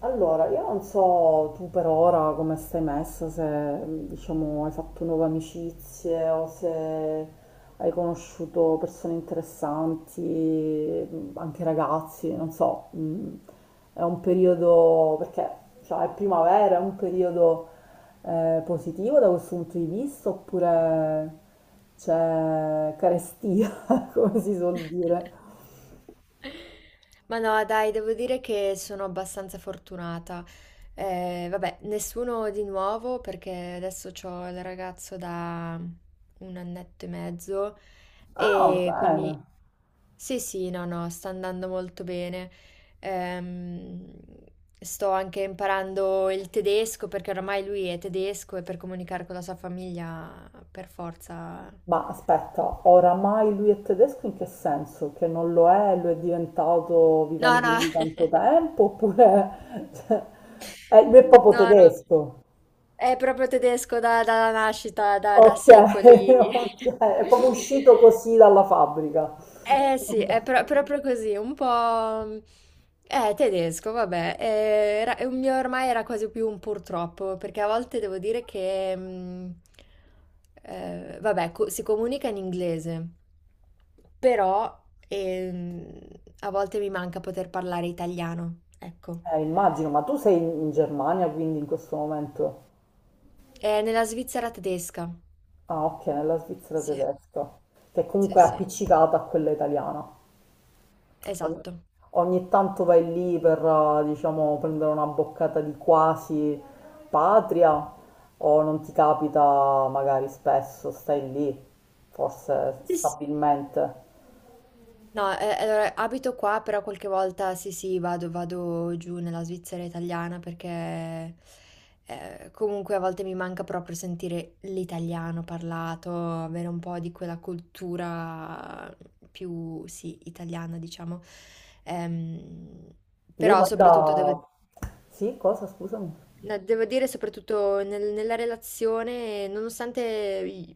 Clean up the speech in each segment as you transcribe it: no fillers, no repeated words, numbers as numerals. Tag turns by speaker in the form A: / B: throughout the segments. A: Allora, io non so tu per ora come stai messa, se diciamo hai fatto nuove amicizie o se hai conosciuto persone interessanti, anche ragazzi, non so, è un periodo, perché cioè, è primavera, è un periodo positivo da questo punto di vista oppure c'è carestia, come si suol dire?
B: Ma no, dai, devo dire che sono abbastanza fortunata. Vabbè, nessuno di nuovo perché adesso ho il ragazzo da un annetto e mezzo
A: Ah,
B: e
A: bene.
B: quindi sì, sì, no, no, sta andando molto bene. Ehm, Sto anche imparando il tedesco perché oramai lui è tedesco e per comunicare con la sua famiglia per forza.
A: Ma aspetta, oramai lui è tedesco in che senso? Che non lo è, lo è diventato
B: No,
A: vivendo
B: no,
A: lì tanto tempo? Oppure cioè, lui è proprio
B: no, no.
A: tedesco?
B: È proprio tedesco dalla nascita, da
A: Ok,
B: secoli.
A: ok, è proprio uscito così dalla fabbrica.
B: Eh sì, è proprio così, un po'. È tedesco, vabbè. È un mio ormai era quasi più un purtroppo, perché a volte devo dire che, vabbè, si comunica in inglese, però ehm, a volte mi manca poter parlare italiano, ecco.
A: Immagino, ma tu sei in Germania quindi in questo momento?
B: È nella Svizzera tedesca.
A: Ah, ok, nella Svizzera
B: Sì,
A: tedesca, che
B: sì,
A: comunque è
B: sì.
A: appiccicata a quella italiana. Ogni
B: Esatto.
A: ogni tanto vai lì per, diciamo, prendere una boccata di quasi patria o non ti capita magari spesso, stai lì, forse
B: Sì, sì.
A: stabilmente.
B: No, allora abito qua, però qualche volta sì, sì, vado giù nella Svizzera italiana perché comunque a volte mi manca proprio sentire l'italiano parlato, avere un po' di quella cultura più, sì, italiana, diciamo. Ehm,
A: Io
B: Però soprattutto devo.
A: guarda. Sì, cosa? Scusami.
B: No, devo dire, soprattutto nella relazione, nonostante i-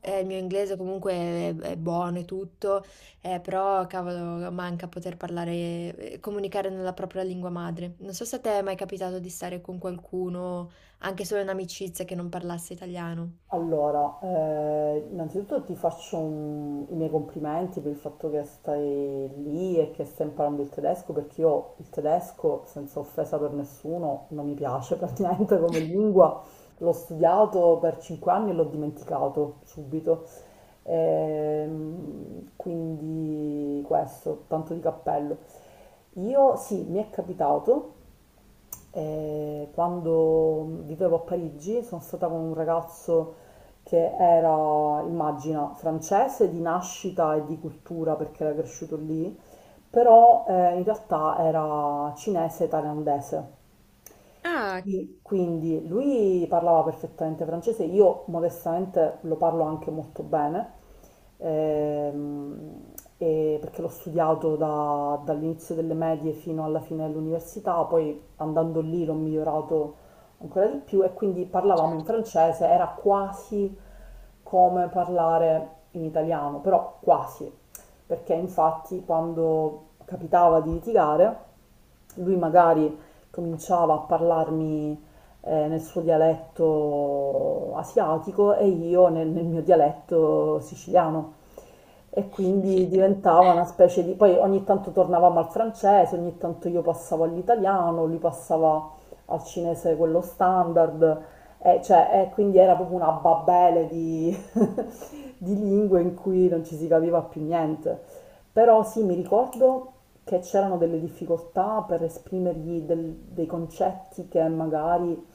B: il mio inglese comunque è buono e tutto, però cavolo, manca poter parlare, comunicare nella propria lingua madre. Non so se a te è mai capitato di stare con qualcuno, anche solo in amicizia, che non parlasse italiano.
A: Allora, innanzitutto ti faccio i miei complimenti per il fatto che stai lì e che stai imparando il tedesco, perché io il tedesco, senza offesa per nessuno, non mi piace praticamente come lingua. L'ho studiato per 5 anni e l'ho dimenticato subito. Quindi questo, tanto di cappello. Io sì, mi è capitato. Quando vivevo a Parigi sono stata con un ragazzo che era, immagina, francese di nascita e di cultura perché era cresciuto lì, però in realtà era cinese e thailandese.
B: Ah,
A: Sì, quindi lui parlava perfettamente francese, io modestamente lo parlo anche molto bene, ehm, e perché l'ho studiato dall'inizio delle medie fino alla fine dell'università, poi andando lì l'ho migliorato ancora di più e quindi parlavamo in
B: certo.
A: francese, era quasi come parlare in italiano, però quasi, perché infatti quando capitava di litigare lui magari cominciava a parlarmi nel suo dialetto asiatico e io nel mio dialetto siciliano. E quindi diventava una specie di. Poi ogni tanto tornavamo al francese, ogni tanto io passavo all'italiano, lui passava al cinese quello standard, cioè, e quindi era proprio una babele di lingue in cui non ci si capiva più niente. Però sì, mi ricordo che c'erano delle difficoltà per esprimergli dei concetti che magari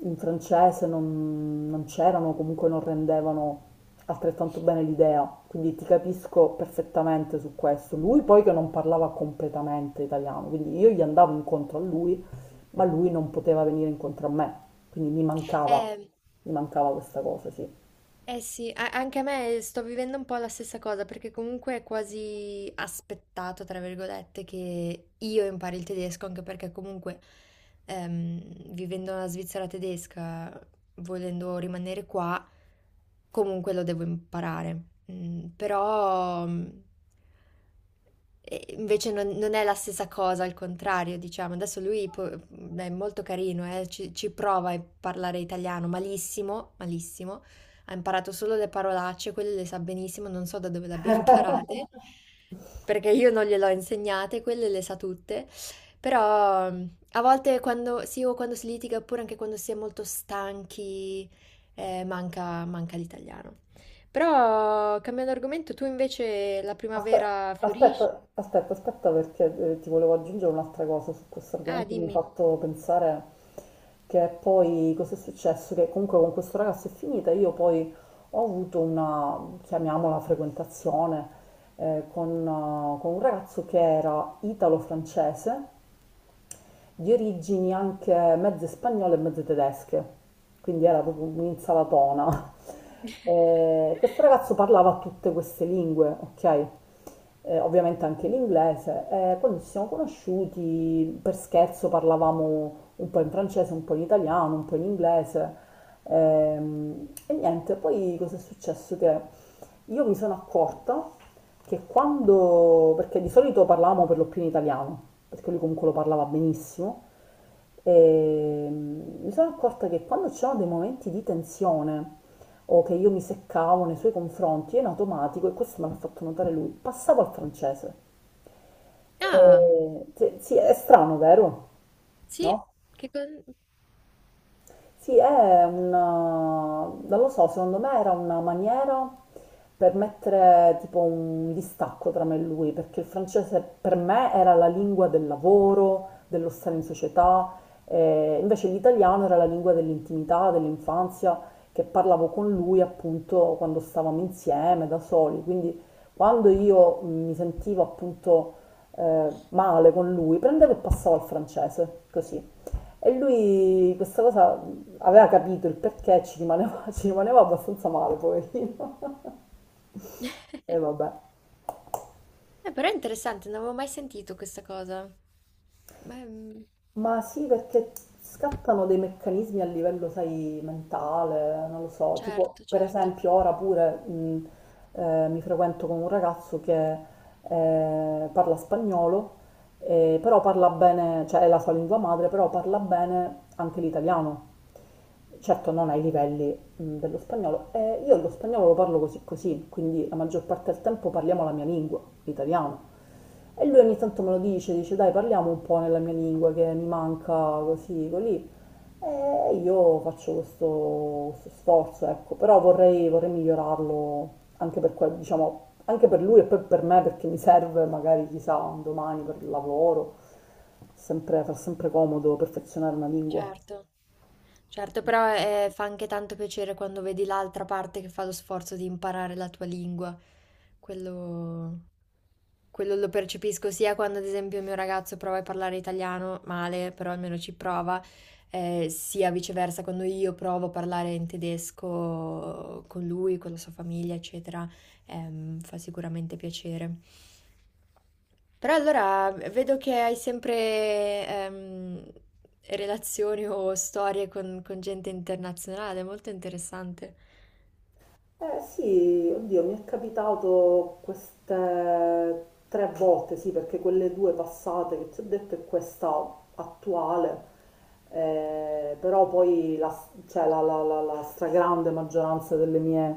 A: in francese non c'erano, comunque non rendevano altrettanto bene l'idea. Quindi ti capisco perfettamente su questo. Lui poi che non parlava completamente italiano, quindi io gli andavo incontro a lui, ma lui non poteva venire incontro a me. Quindi mi mancava,
B: Eh,
A: mi mancava questa cosa, sì.
B: Eh sì, anche a me sto vivendo un po' la stessa cosa perché comunque è quasi aspettato, tra virgolette, che io impari il tedesco, anche perché comunque vivendo nella Svizzera tedesca, volendo rimanere qua, comunque lo devo imparare. Però e invece non è la stessa cosa, al contrario, diciamo. Adesso lui è molto carino, ci prova a parlare italiano malissimo, malissimo, ha imparato solo le parolacce, quelle le sa benissimo, non so da dove le abbia imparate, perché io non gliele ho insegnate, quelle le sa tutte. Però a volte quando, sì, o quando si litiga, oppure anche quando si è molto stanchi, manca l'italiano. Però, cambiando argomento, tu invece la
A: Aspe-
B: primavera fiorisci?
A: Aspetta, aspetta, aspetta, perché ti volevo aggiungere un'altra cosa su questo
B: Ah,
A: argomento. Mi hai
B: dimmi.
A: fatto pensare che poi cosa è successo? Che comunque con questo ragazzo è finita. Io poi ho avuto una, chiamiamola, frequentazione con un ragazzo che era italo-francese di origini anche mezze spagnole e mezze tedesche, quindi era proprio un'insalatona. E questo ragazzo parlava tutte queste lingue, ok? Ovviamente anche l'inglese. E quando ci siamo conosciuti, per scherzo parlavamo un po' in francese, un po' in italiano, un po' in inglese. E, niente, poi cosa è successo? Che io mi sono accorta che quando, perché di solito parlavamo per lo più in italiano, perché lui comunque lo parlava benissimo, e mi sono accorta che quando c'erano dei momenti di tensione o che io mi seccavo nei suoi confronti, io in automatico, e questo me l'ha fatto notare lui, passavo al francese.
B: Ah,
A: E, sì, sì, è strano, vero?
B: sì,
A: No?
B: che con.
A: Sì, è una, non lo so, secondo me era una maniera per mettere tipo un distacco tra me e lui, perché il francese per me era la lingua del lavoro, dello stare in società, invece l'italiano era la lingua dell'intimità, dell'infanzia, che parlavo con lui appunto quando stavamo insieme, da soli, quindi quando io mi sentivo appunto male con lui, prendevo e passavo al francese, così. E lui questa cosa aveva capito il perché, ci rimaneva, ci rimaneva abbastanza male, poverino. E vabbè.
B: Però è interessante, non avevo mai sentito questa cosa. Beh,
A: Ma sì, perché scattano dei meccanismi a livello, sai, mentale, non lo so. Tipo,
B: certo,
A: per
B: certo,
A: esempio, ora pure mi frequento con un ragazzo che parla spagnolo, però parla bene, cioè è la sua lingua madre, però parla bene anche l'italiano. Certo, non ai livelli dello spagnolo. E io lo spagnolo lo parlo così così, quindi la maggior parte del tempo parliamo la mia lingua, l'italiano. E lui ogni tanto me lo dice, dice dai parliamo un po' nella mia lingua che mi manca così, così. E io faccio questo sforzo, ecco, però vorrei migliorarlo anche per, diciamo, anche per lui e poi per me perché mi serve magari chissà un domani per il lavoro, sempre, fa sempre comodo perfezionare una lingua.
B: certo. Certo, però fa anche tanto piacere quando vedi l'altra parte che fa lo sforzo di imparare la tua lingua. Quello, quello lo percepisco sia quando, ad esempio, il mio ragazzo prova a parlare italiano, male, però almeno ci prova, sia viceversa quando io provo a parlare in tedesco con lui, con la sua famiglia, eccetera. Fa sicuramente piacere. Però allora vedo che hai sempre ehm, relazioni o storie con gente internazionale, molto interessante.
A: Eh sì, oddio, mi è capitato queste tre volte, sì, perché quelle due passate che ti ho detto e questa attuale, però poi la, cioè, la stragrande maggioranza delle mie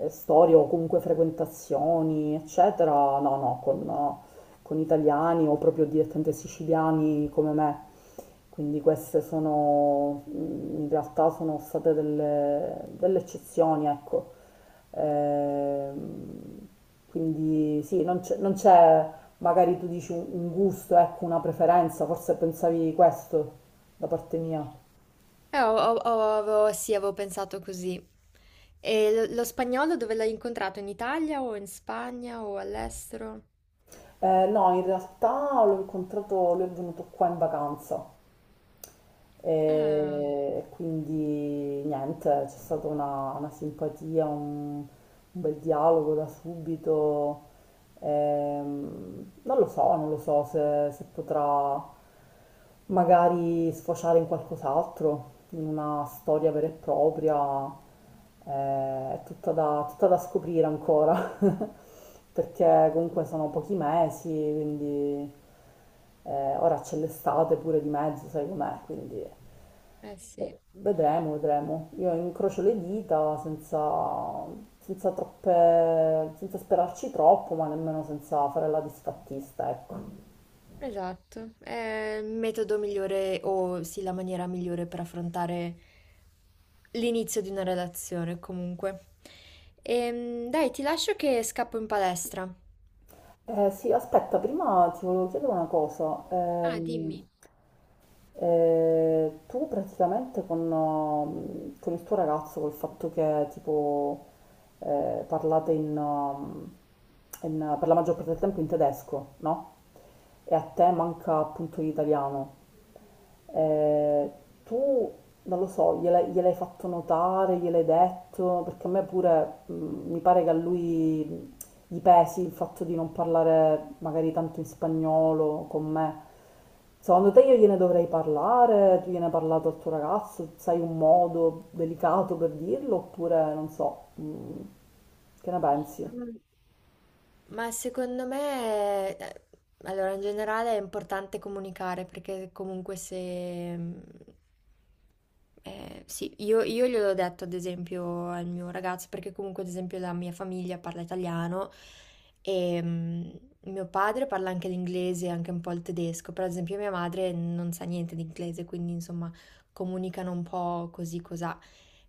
A: storie o comunque frequentazioni, eccetera, no, no, con, no, con italiani o proprio direttamente siciliani come me. Quindi queste sono, in realtà sono state delle eccezioni, ecco. Ehm, quindi sì, non c'è, non c'è, magari tu dici un gusto, ecco, una preferenza, forse pensavi questo da parte mia.
B: Sì, avevo pensato così. E lo spagnolo dove l'hai incontrato? In Italia o in Spagna o all'estero?
A: No, in realtà l'ho incontrato, lui è venuto qua in vacanza.
B: Ah,
A: E quindi niente, c'è stata una simpatia, un bel dialogo da subito. Non lo so se potrà magari sfociare in qualcos'altro, in una storia vera e propria. Eh, è tutta da scoprire ancora, perché comunque sono pochi mesi, quindi. Ora c'è l'estate pure di mezzo, sai com'è, quindi
B: eh sì.
A: vedremo, vedremo. Io incrocio le dita senza troppe, senza sperarci troppo, ma nemmeno senza fare la disfattista, ecco.
B: Esatto, è il metodo migliore o sì, la maniera migliore per affrontare l'inizio di una relazione comunque. Dai, ti lascio che scappo in palestra.
A: Sì, aspetta, prima ti volevo chiedere una cosa.
B: Ah, dimmi.
A: Tu praticamente con il tuo ragazzo, col fatto che tipo parlate per la maggior parte del tempo in tedesco, no? E a te manca appunto l'italiano. Ehm, tu, non lo so, gliel'hai fatto notare, gliel'hai detto, perché a me pure mi pare che a lui gli pesi il fatto di non parlare magari tanto in spagnolo con me. Secondo te io gliene dovrei parlare? Tu gliene hai parlato al tuo ragazzo? Sai un modo delicato per dirlo? Oppure non so, che ne pensi?
B: Ma secondo me, allora in generale è importante comunicare perché comunque se... mm, sì, io gliel'ho detto ad esempio al mio ragazzo perché comunque ad esempio la mia famiglia parla italiano e mio padre parla anche l'inglese e anche un po' il tedesco, però ad esempio mia madre non sa niente di inglese, quindi insomma comunicano un po' così cosà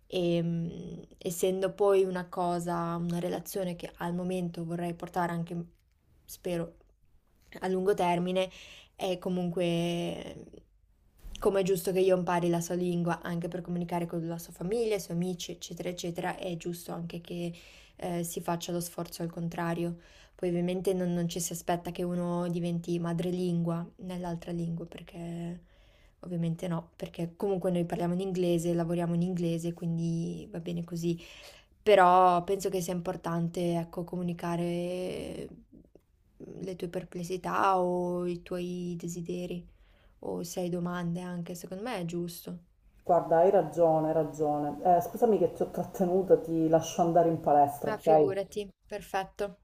B: e essendo poi una relazione che al momento vorrei portare anche, spero, a lungo termine, è comunque come è giusto che io impari la sua lingua anche per comunicare con la sua famiglia, i suoi amici, eccetera, eccetera, è giusto anche che si faccia lo sforzo al contrario. Poi ovviamente non ci si aspetta che uno diventi madrelingua nell'altra lingua. Perché Ovviamente no, perché comunque noi parliamo in inglese, lavoriamo in inglese, quindi va bene così. Però penso che sia importante, ecco, comunicare le tue perplessità o i tuoi desideri o se hai domande anche, secondo me è giusto.
A: Guarda, hai ragione, hai ragione. Scusami che ti ho trattenuta, ti lascio andare in palestra,
B: Ma
A: ok?
B: figurati, perfetto.